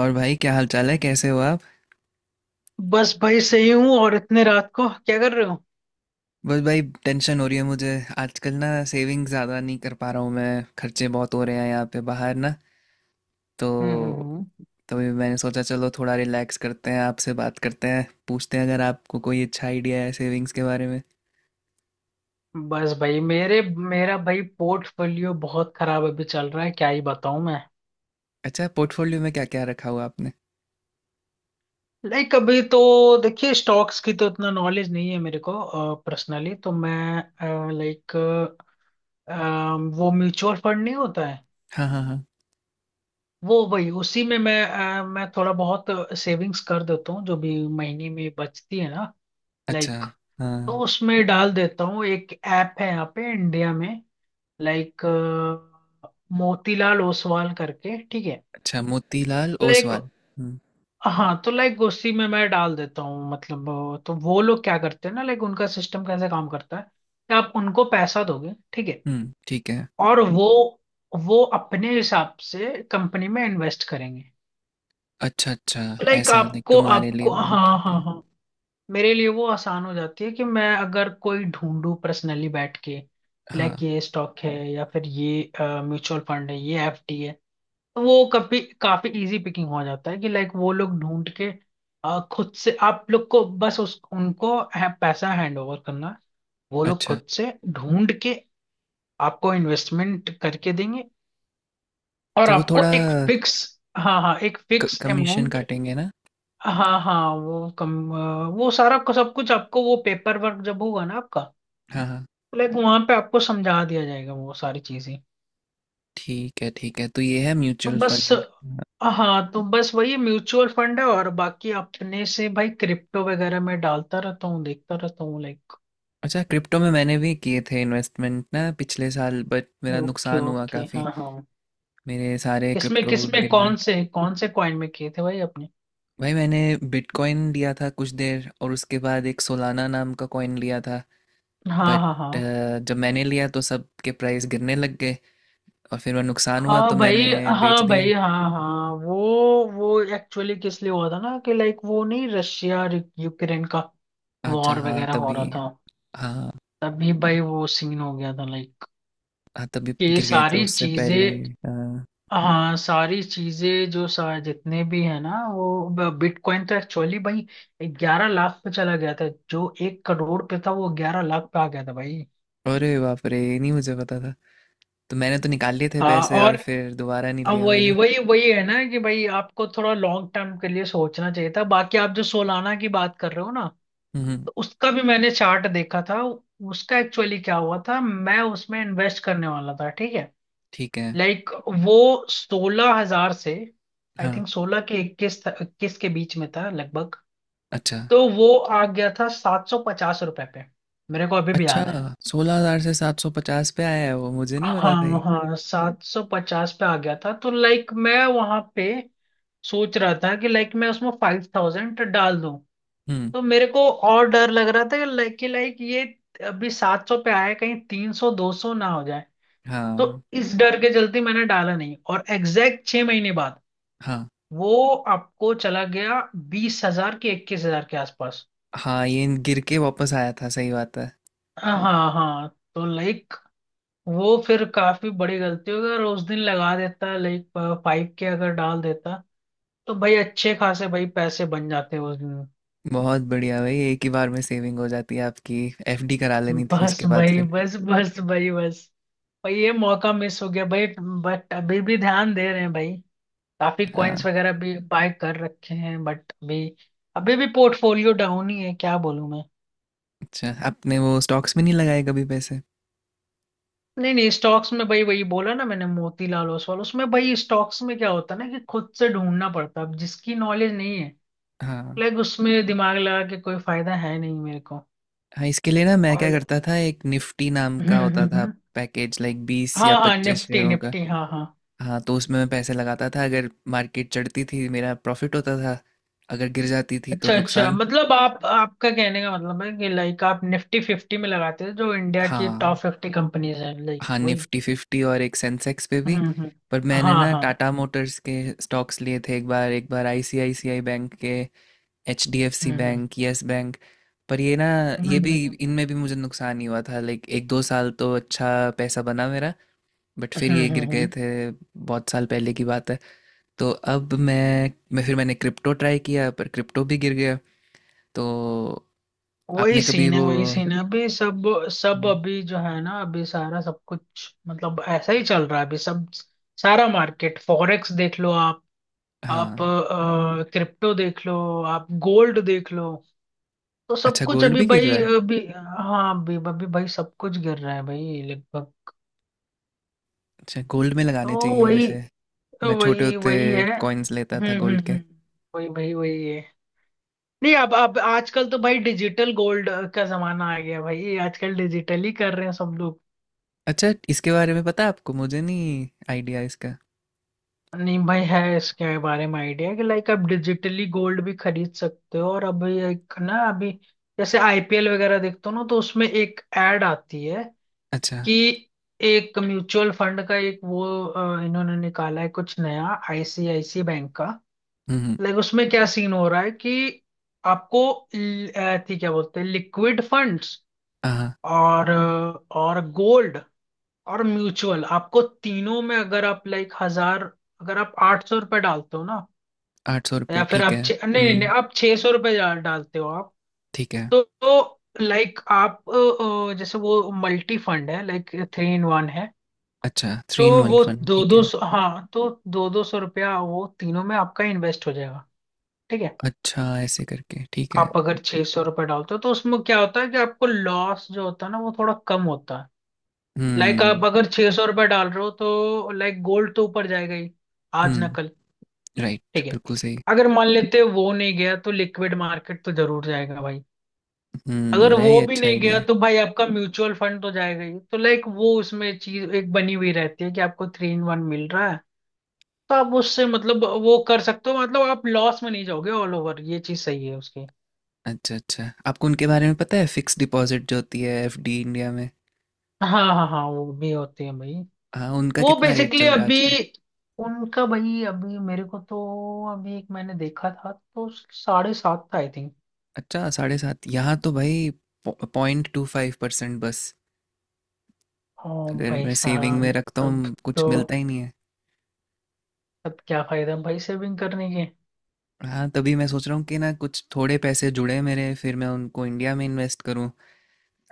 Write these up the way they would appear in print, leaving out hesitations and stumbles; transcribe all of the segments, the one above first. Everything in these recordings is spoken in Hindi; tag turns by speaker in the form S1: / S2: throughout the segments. S1: और भाई, क्या हाल चाल है? कैसे हो आप?
S2: बस भाई सही हूँ। और इतने रात को क्या कर रहे हो?
S1: बस भाई टेंशन हो रही है मुझे। आजकल ना सेविंग ज़्यादा नहीं कर पा रहा हूँ मैं, खर्चे बहुत हो रहे हैं यहाँ पे बाहर ना। तो
S2: हम्म हम्म हम्म।
S1: तभी मैंने सोचा चलो थोड़ा रिलैक्स करते हैं, आपसे बात करते हैं, पूछते हैं अगर आपको कोई अच्छा आइडिया है सेविंग्स के बारे में।
S2: बस भाई मेरे मेरा भाई पोर्टफोलियो बहुत खराब अभी चल रहा है, क्या ही बताऊं मैं।
S1: अच्छा, पोर्टफोलियो में क्या क्या रखा हुआ आपने?
S2: लाइक अभी तो देखिए स्टॉक्स की तो इतना नॉलेज नहीं है मेरे को। पर्सनली तो मैं लाइक वो म्यूचुअल फंड नहीं होता है?
S1: हाँ हाँ हाँ।
S2: वो भाई उसी में मैं मैं थोड़ा बहुत सेविंग्स कर देता हूँ जो भी महीने में बचती है ना।
S1: अच्छा।
S2: लाइक
S1: हाँ।
S2: तो उसमें डाल देता हूँ। एक ऐप है यहाँ पे इंडिया में, लाइक मोतीलाल ओसवाल करके, ठीक है।
S1: अच्छा, मोतीलाल
S2: लाइक
S1: ओसवाल। हम्म।
S2: हाँ, तो लाइक उसी में मैं डाल देता हूँ मतलब। तो वो लोग क्या करते हैं ना, लाइक उनका सिस्टम कैसे काम करता है कि आप उनको पैसा दोगे ठीक है।
S1: हम्म, ठीक है।
S2: और वो अपने हिसाब से कंपनी में इन्वेस्ट करेंगे।
S1: अच्छा, अच्छा।
S2: लाइक
S1: ऐसा नहीं,
S2: आपको
S1: तुम्हारे लिए
S2: आपको
S1: वो
S2: हाँ
S1: ठीक
S2: हाँ
S1: है।
S2: हाँ। मेरे लिए वो आसान हो जाती है कि मैं अगर कोई ढूंढूं पर्सनली बैठ के, लाइक
S1: हाँ।
S2: ये स्टॉक है या फिर ये म्यूचुअल फंड है, ये एफडी है। वो कभी काफी इजी पिकिंग हो जाता है कि लाइक वो लोग ढूंढ के, खुद से। आप लोग को बस उस उनको है, पैसा हैंड ओवर करना है। वो लोग
S1: अच्छा।
S2: खुद से ढूंढ के आपको इन्वेस्टमेंट करके देंगे। और
S1: तो वो
S2: आपको
S1: थोड़ा
S2: एक फिक्स। हाँ हाँ, एक फिक्स
S1: कमीशन
S2: अमाउंट।
S1: काटेंगे ना?
S2: हाँ हाँ, वो कम वो सारा सब कुछ आपको वो पेपर वर्क जब होगा ना आपका,
S1: हाँ हाँ।
S2: लाइक वहां पे आपको समझा दिया जाएगा वो सारी चीजें।
S1: ठीक है, ठीक है, तो ये है
S2: तो
S1: म्यूचुअल
S2: बस,
S1: फंड।
S2: हाँ तो बस वही म्यूचुअल फंड है। और बाकी अपने से भाई क्रिप्टो वगैरह में डालता रहता हूँ, देखता रहता हूँ लाइक।
S1: अच्छा, क्रिप्टो में मैंने भी किए थे इन्वेस्टमेंट ना पिछले साल, बट मेरा
S2: ओके
S1: नुकसान हुआ
S2: ओके
S1: काफ़ी।
S2: हाँ हाँ।
S1: मेरे सारे
S2: किसमें
S1: क्रिप्टो
S2: किसमें
S1: गिर गए।
S2: कौन से कॉइन में किए थे भाई अपने?
S1: भाई मैंने बिटकॉइन लिया था कुछ देर और उसके बाद एक सोलाना नाम का कॉइन लिया था।
S2: हाँ
S1: बट
S2: हाँ हाँ।
S1: जब मैंने लिया तो सब के प्राइस गिरने लग गए और फिर मेरा नुकसान हुआ
S2: हाँ
S1: तो
S2: भाई
S1: मैंने बेच
S2: हाँ
S1: दिया।
S2: भाई हाँ हाँ, वो एक्चुअली किस लिए हुआ था ना, कि लाइक वो नहीं, रशिया और यूक्रेन का
S1: अच्छा,
S2: वॉर
S1: हाँ
S2: वगैरह हो
S1: तभी।
S2: रहा था।
S1: हाँ।
S2: तभी भाई वो सीन हो गया था, लाइक
S1: हाँ तभी
S2: कि ये
S1: गिर गए थे
S2: सारी
S1: उससे
S2: चीजें।
S1: पहले। हाँ।
S2: हाँ सारी चीजें, जो सारे जितने भी है ना, वो बिटकॉइन तो एक्चुअली भाई 11 लाख पे चला गया था। जो 1 करोड़ पे था वो 11 लाख पे आ गया था भाई।
S1: अरे बाप रे, ये नहीं मुझे पता था। तो मैंने तो निकाल लिए थे
S2: हाँ।
S1: पैसे
S2: और
S1: और फिर दोबारा नहीं
S2: अब
S1: लिया
S2: वही
S1: मैंने।
S2: वही वही है ना, कि भाई आपको थोड़ा लॉन्ग टर्म के लिए सोचना चाहिए था। बाकी आप जो सोलाना की बात कर रहे हो ना,
S1: हम्म।
S2: तो उसका भी मैंने चार्ट देखा था। उसका एक्चुअली क्या हुआ था, मैं उसमें इन्वेस्ट करने वाला था, ठीक है।
S1: ठीक है।
S2: लाइक वो 16 हज़ार से, आई
S1: हाँ।
S2: थिंक 16 के 21 21 के बीच में था लगभग।
S1: अच्छा।
S2: तो वो आ गया था 750 रुपए पे, मेरे को अभी भी
S1: अच्छा,
S2: याद है।
S1: 16,000 से 750 पे आया है वो, मुझे नहीं पता था
S2: हाँ
S1: ये।
S2: हाँ 750 पे आ गया था। तो लाइक मैं वहां पे सोच रहा था कि लाइक मैं उसमें फाइव थाउजेंड डाल दूं।
S1: हम्म।
S2: तो मेरे को और डर लग रहा था कि लाइक ये अभी 700 पे आया, कहीं 300 200 ना हो जाए। तो
S1: हाँ
S2: इस डर के चलते मैंने डाला नहीं। और एग्जैक्ट 6 महीने बाद
S1: हाँ
S2: वो आपको चला गया 20 हज़ार के 21 हज़ार के आसपास।
S1: हाँ, ये गिर के वापस आया था, सही बात है।
S2: हाँ हाँ। तो लाइक वो फिर काफी बड़ी गलती होगी अगर उस दिन लगा देता, लाइक पाइप के अगर डाल देता तो भाई अच्छे खासे भाई पैसे बन जाते उस दिन।
S1: बहुत बढ़िया भाई, एक ही बार में सेविंग हो जाती है आपकी। एफडी करा लेनी थी
S2: बस
S1: उसके बाद
S2: भाई
S1: फिर।
S2: बस बस भाई बस। भाई ये मौका मिस हो गया भाई, बट अभी भी ध्यान दे रहे हैं भाई। काफी कॉइन्स
S1: हाँ।
S2: वगैरह भी बाय कर रखे हैं, बट अभी अभी भी पोर्टफोलियो डाउन ही है, क्या बोलूं मैं।
S1: अच्छा, आपने वो स्टॉक्स में नहीं लगाए कभी पैसे?
S2: नहीं नहीं, स्टॉक्स में भाई वही बोला ना मैंने, मोतीलाल ओसवाल उसमें। भाई स्टॉक्स में क्या होता है ना, कि खुद से ढूंढना पड़ता है, अब जिसकी नॉलेज नहीं है,
S1: हाँ।
S2: लाइक उसमें दिमाग लगा के कोई फायदा है नहीं मेरे को।
S1: हाँ, इसके लिए ना मैं क्या
S2: और
S1: करता था, एक निफ्टी नाम
S2: हम्म
S1: का
S2: हम्म
S1: होता था,
S2: हम्म।
S1: पैकेज लाइक 20
S2: हाँ
S1: या
S2: हाँ
S1: 25
S2: निफ्टी
S1: शेयरों का।
S2: निफ्टी हाँ हाँ।
S1: हाँ, तो उसमें मैं पैसे लगाता था। अगर मार्केट चढ़ती थी मेरा प्रॉफिट होता था, अगर गिर जाती थी तो
S2: अच्छा अच्छा,
S1: नुकसान।
S2: मतलब आप, आपका कहने का मतलब है कि लाइक आप निफ्टी फिफ्टी में लगाते हैं, जो इंडिया की टॉप
S1: हाँ।
S2: फिफ्टी कंपनीज हैं, लाइक
S1: हाँ,
S2: वही।
S1: निफ्टी फिफ्टी और एक सेंसेक्स पे भी।
S2: हम्म हम्म हम्म।
S1: पर मैंने
S2: हाँ
S1: ना
S2: हाँ।
S1: टाटा मोटर्स के स्टॉक्स लिए थे एक बार आईसीआईसीआई बैंक के, एचडीएफसी
S2: हम्म हम्म
S1: बैंक, यस बैंक। पर ये ना, ये भी,
S2: हम्म।
S1: इनमें भी मुझे नुकसान ही हुआ था। लाइक एक दो साल तो अच्छा पैसा बना मेरा, बट फिर ये गिर गए
S2: हम्म।
S1: थे। बहुत साल पहले की बात है। तो अब मैं फिर मैंने क्रिप्टो ट्राई किया, पर क्रिप्टो भी गिर गया। तो आपने कभी वो।
S2: वही सीन है अभी सब। सब
S1: हम्म।
S2: अभी जो है ना, अभी सारा सब कुछ मतलब ऐसा ही चल रहा है अभी सब। सारा मार्केट फॉरेक्स देख लो आप
S1: हाँ।
S2: क्रिप्टो देख लो, आप गोल्ड देख लो। तो सब
S1: अच्छा,
S2: कुछ
S1: गोल्ड
S2: अभी
S1: भी गिर
S2: भाई,
S1: रहा है?
S2: अच्छा अभी, हाँ अभी अभी भाई सब कुछ गिर रहा है भाई लगभग।
S1: अच्छा, गोल्ड में
S2: तो
S1: लगाने चाहिए
S2: वही,
S1: वैसे।
S2: तो
S1: मैं छोटे
S2: वही
S1: होते
S2: वही है
S1: कॉइन्स लेता था गोल्ड के।
S2: हम्म। वही वही वही है। नहीं, अब अब आजकल तो भाई डिजिटल गोल्ड का जमाना आ गया भाई, आजकल डिजिटल ही कर रहे हैं सब लोग।
S1: अच्छा, इसके बारे में पता है आपको? मुझे नहीं आइडिया इसका।
S2: नहीं भाई, है इसके बारे में आइडिया, कि लाइक आप डिजिटली गोल्ड भी खरीद सकते हो। और अभी एक ना, अभी जैसे आईपीएल वगैरह देखते हो ना, तो उसमें एक एड आती है
S1: अच्छा।
S2: कि एक म्यूचुअल फंड का एक वो इन्होंने निकाला है कुछ नया, आईसीआईसी बैंक का।
S1: हम्म।
S2: लाइक उसमें क्या सीन हो रहा है, कि आपको थी क्या बोलते हैं, लिक्विड फंड्स,
S1: हाँ,
S2: और और गोल्ड और म्यूचुअल, आपको तीनों में। अगर आप लाइक हजार, अगर आप 800 रुपये डालते हो ना,
S1: 800 रुपये
S2: या फिर
S1: ठीक
S2: आप
S1: है।
S2: छे- नहीं नहीं नहीं
S1: हम्म,
S2: आप 600 रुपये डालते हो आप,
S1: ठीक है।
S2: तो लाइक आप जैसे वो मल्टी फंड है, लाइक थ्री इन वन है,
S1: अच्छा, थ्री
S2: तो
S1: इन वन
S2: वो
S1: फन,
S2: दो
S1: ठीक
S2: दो
S1: है।
S2: सौ हाँ तो 200 200 रुपया वो तीनों में आपका इन्वेस्ट हो जाएगा, ठीक है।
S1: अच्छा, ऐसे करके ठीक है।
S2: आप अगर 600 रुपये डालते हो, तो उसमें क्या होता है कि आपको लॉस जो होता है ना, वो थोड़ा कम होता है। लाइक
S1: हम्म
S2: आप अगर 600 रुपये डाल रहे हो, तो लाइक गोल्ड तो ऊपर जाएगा ही आज ना
S1: हम्म।
S2: कल,
S1: राइट,
S2: ठीक है।
S1: बिल्कुल सही।
S2: अगर मान लेते हैं वो नहीं गया, तो लिक्विड मार्केट तो जरूर जाएगा भाई।
S1: हम्म,
S2: अगर
S1: यही
S2: वो भी
S1: अच्छा
S2: नहीं
S1: आइडिया
S2: गया,
S1: है।
S2: तो भाई आपका म्यूचुअल फंड तो जाएगा ही। तो लाइक वो, उसमें चीज एक बनी हुई रहती है कि आपको थ्री इन वन मिल रहा है। तो आप उससे मतलब वो कर सकते हो, मतलब आप लॉस में नहीं जाओगे ऑल ओवर, ये चीज सही है उसकी।
S1: अच्छा, अच्छा, आपको उनके बारे में पता है, फिक्स डिपॉजिट जो होती है एफडी इंडिया में?
S2: हाँ हाँ हाँ, वो भी होती है भाई।
S1: हाँ, उनका
S2: वो
S1: कितना रेट चल
S2: बेसिकली
S1: रहा है
S2: अभी,
S1: आजकल?
S2: उनका भाई अभी मेरे को तो, अभी एक मैंने देखा था तो 7.5 था आई थिंक।
S1: अच्छा, 7.5? यहाँ तो भाई पॉ 0.25% बस।
S2: ओ
S1: अगर
S2: भाई
S1: मैं सेविंग में
S2: साहब,
S1: रखता
S2: तब
S1: हूँ, कुछ
S2: तो,
S1: मिलता ही नहीं है।
S2: तब क्या फायदा भाई सेविंग करने के।
S1: हाँ, तभी मैं सोच रहा हूँ कि ना, कुछ थोड़े पैसे जुड़े मेरे, फिर मैं उनको इंडिया में इन्वेस्ट करूँ,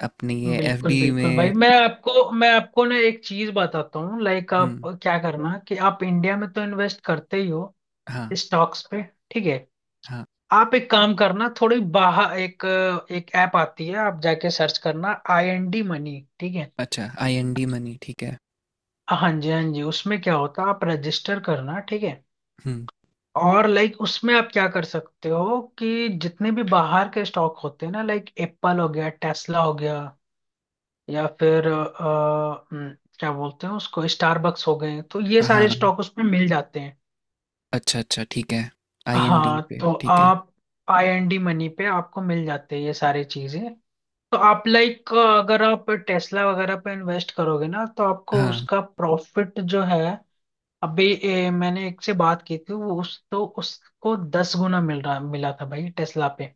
S1: अपनी ये
S2: बिल्कुल
S1: एफडी
S2: बिल्कुल भाई,
S1: में।
S2: मैं आपको ना एक चीज बताता हूँ, लाइक
S1: हुँ,
S2: आप क्या करना कि आप इंडिया में तो इन्वेस्ट करते ही हो
S1: हाँ,
S2: स्टॉक्स पे, ठीक है।
S1: हाँ।
S2: आप एक काम करना, थोड़ी बाहर एक, एक ऐप आती है आप जाके सर्च करना, आई एन डी मनी, ठीक है।
S1: अच्छा, आईएनडी मनी, ठीक है।
S2: हाँ जी हाँ जी, उसमें क्या होता है, आप रजिस्टर करना, ठीक है।
S1: हुँ,
S2: और लाइक उसमें आप क्या कर सकते हो कि जितने भी बाहर के स्टॉक होते हैं ना, लाइक एप्पल हो गया, टेस्ला हो गया, या फिर क्या बोलते हैं उसको, स्टारबक्स हो गए, तो ये सारे
S1: हाँ,
S2: स्टॉक उसमें मिल जाते हैं।
S1: अच्छा, अच्छा, ठीक है। आईएनडी
S2: हाँ
S1: पे,
S2: तो
S1: ठीक है।
S2: आप, आई एन डी मनी पे आपको मिल जाते हैं ये सारी चीजें। तो आप लाइक अगर आप टेस्ला वगैरह पे इन्वेस्ट करोगे ना, तो आपको
S1: हाँ,
S2: उसका प्रॉफिट जो है, अभी मैंने एक से बात की थी, वो उस तो उसको 10 गुना मिला था भाई टेस्ला पे।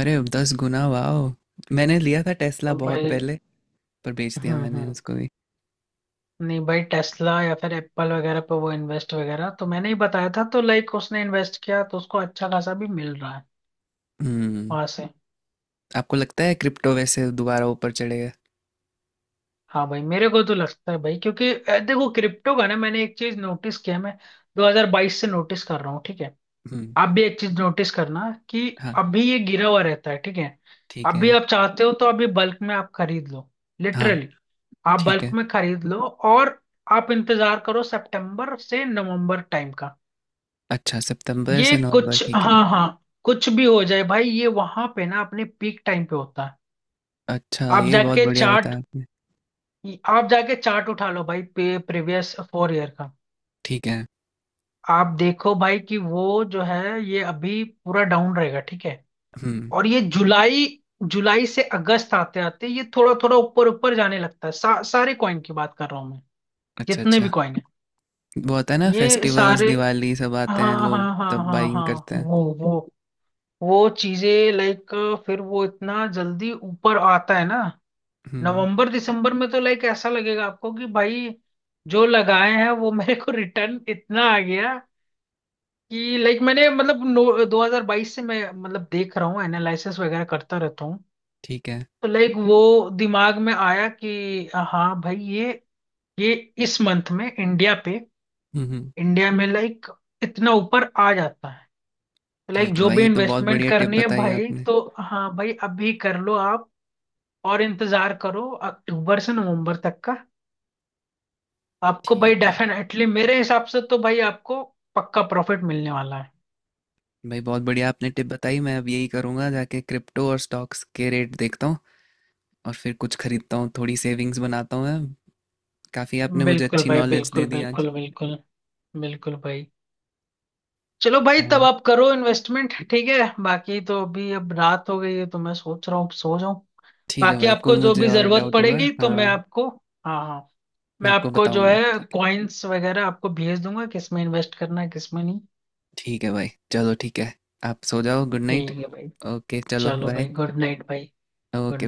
S1: अरे 10 गुना, वॉव! मैंने लिया था टेस्ला
S2: तो
S1: बहुत
S2: भाई
S1: पहले, पर बेच दिया मैंने
S2: हम्म।
S1: उसको भी।
S2: नहीं भाई, टेस्ला या फिर एप्पल वगैरह पे वो इन्वेस्ट वगैरह तो मैंने ही बताया था, तो लाइक उसने इन्वेस्ट किया तो उसको अच्छा खासा भी मिल रहा है
S1: हुँ।
S2: वहां से।
S1: आपको लगता है क्रिप्टो वैसे दोबारा ऊपर चढ़ेगा?
S2: हाँ भाई मेरे को तो लगता है भाई, क्योंकि देखो क्रिप्टो का ना मैंने एक चीज नोटिस किया, मैं 2022 से नोटिस कर रहा हूँ, ठीक है।
S1: हम्म।
S2: आप भी एक चीज नोटिस करना, कि
S1: हाँ।
S2: अभी ये गिरा हुआ रहता है, ठीक है।
S1: ठीक
S2: अभी
S1: है।
S2: आप चाहते हो तो अभी बल्क में आप खरीद लो,
S1: हाँ।
S2: लिटरली आप
S1: ठीक
S2: बल्क
S1: है।
S2: में खरीद लो। और आप इंतजार करो सितंबर से नवंबर टाइम का।
S1: अच्छा, सितंबर
S2: ये
S1: से नवंबर,
S2: कुछ,
S1: ठीक है।
S2: हाँ हाँ, कुछ भी हो जाए भाई, ये वहां पे ना अपने पीक टाइम पे होता है।
S1: अच्छा,
S2: आप
S1: ये बहुत
S2: जाके
S1: बढ़िया
S2: चार्ट
S1: बताया आपने।
S2: आप जाके चार्ट उठा लो भाई, प्रीवियस फोर ईयर का।
S1: ठीक है।
S2: आप देखो भाई कि वो जो है, ये अभी पूरा डाउन रहेगा, ठीक है।
S1: हम्म।
S2: और ये जुलाई, जुलाई से अगस्त आते आते ये थोड़ा थोड़ा ऊपर ऊपर जाने लगता है, सारे कॉइन की बात कर रहा हूँ मैं,
S1: अच्छा,
S2: जितने भी
S1: अच्छा।
S2: कॉइन है
S1: वो होता है ना,
S2: ये
S1: फेस्टिवल्स,
S2: सारे।
S1: दिवाली, सब
S2: हाँ
S1: आते हैं लोग
S2: हाँ हाँ
S1: तब
S2: हाँ
S1: बाइंग
S2: हाँ,
S1: करते हैं।
S2: वो वो चीजें लाइक, फिर वो इतना जल्दी ऊपर आता है ना
S1: हम्म।
S2: नवंबर दिसंबर में, तो लाइक ऐसा लगेगा आपको कि भाई जो लगाए हैं वो मेरे को रिटर्न इतना आ गया। कि लाइक मैंने मतलब नो 2022 से मैं मतलब देख रहा हूँ एनालिसिस वगैरह करता रहता।
S1: ठीक है।
S2: तो लाइक वो दिमाग में आया कि हाँ भाई ये इस मंथ में इंडिया पे,
S1: हम्म, हम्म।
S2: इंडिया में लाइक इतना ऊपर आ जाता है। तो लाइक
S1: ठीक है
S2: जो
S1: भाई,
S2: भी
S1: ये तो बहुत
S2: इन्वेस्टमेंट
S1: बढ़िया टिप
S2: करनी है
S1: बताई
S2: भाई
S1: आपने।
S2: तो, हाँ भाई अभी कर लो आप। और इंतजार करो अक्टूबर से नवंबर तक का। आपको भाई
S1: ठीक है
S2: डेफिनेटली मेरे हिसाब से तो भाई आपको पक्का प्रॉफिट मिलने वाला
S1: भाई, बहुत बढ़िया आपने टिप बताई। मैं अब यही करूँगा, जाके क्रिप्टो और स्टॉक्स के रेट देखता हूँ और फिर कुछ खरीदता हूँ, थोड़ी सेविंग्स बनाता हूँ मैं। काफ़ी
S2: है।
S1: आपने मुझे
S2: बिल्कुल
S1: अच्छी
S2: भाई
S1: नॉलेज दे
S2: बिल्कुल
S1: दी आज।
S2: बिल्कुल बिल्कुल, बिल्कुल भाई। चलो भाई, तब
S1: और
S2: आप करो इन्वेस्टमेंट, ठीक है। बाकी तो अभी अब रात हो गई है, तो मैं सोच रहा हूँ सो जाऊं।
S1: ठीक है
S2: बाकी
S1: भाई, कोई
S2: आपको जो
S1: मुझे
S2: भी
S1: और
S2: जरूरत
S1: डाउट हुआ
S2: पड़ेगी तो मैं
S1: हाँ,
S2: आपको, हाँ हाँ,
S1: मैं
S2: मैं
S1: आपको
S2: आपको जो
S1: बताऊंगा,
S2: है
S1: ठीक है।
S2: कॉइन्स वगैरह आपको भेज दूंगा, किस में इन्वेस्ट करना है किस में नहीं।
S1: ठीक है भाई, चलो ठीक है। आप सो जाओ, गुड नाइट।
S2: ठीक है भाई,
S1: ओके, चलो
S2: चलो
S1: बाय।
S2: भाई, गुड नाइट भाई। Good
S1: okay.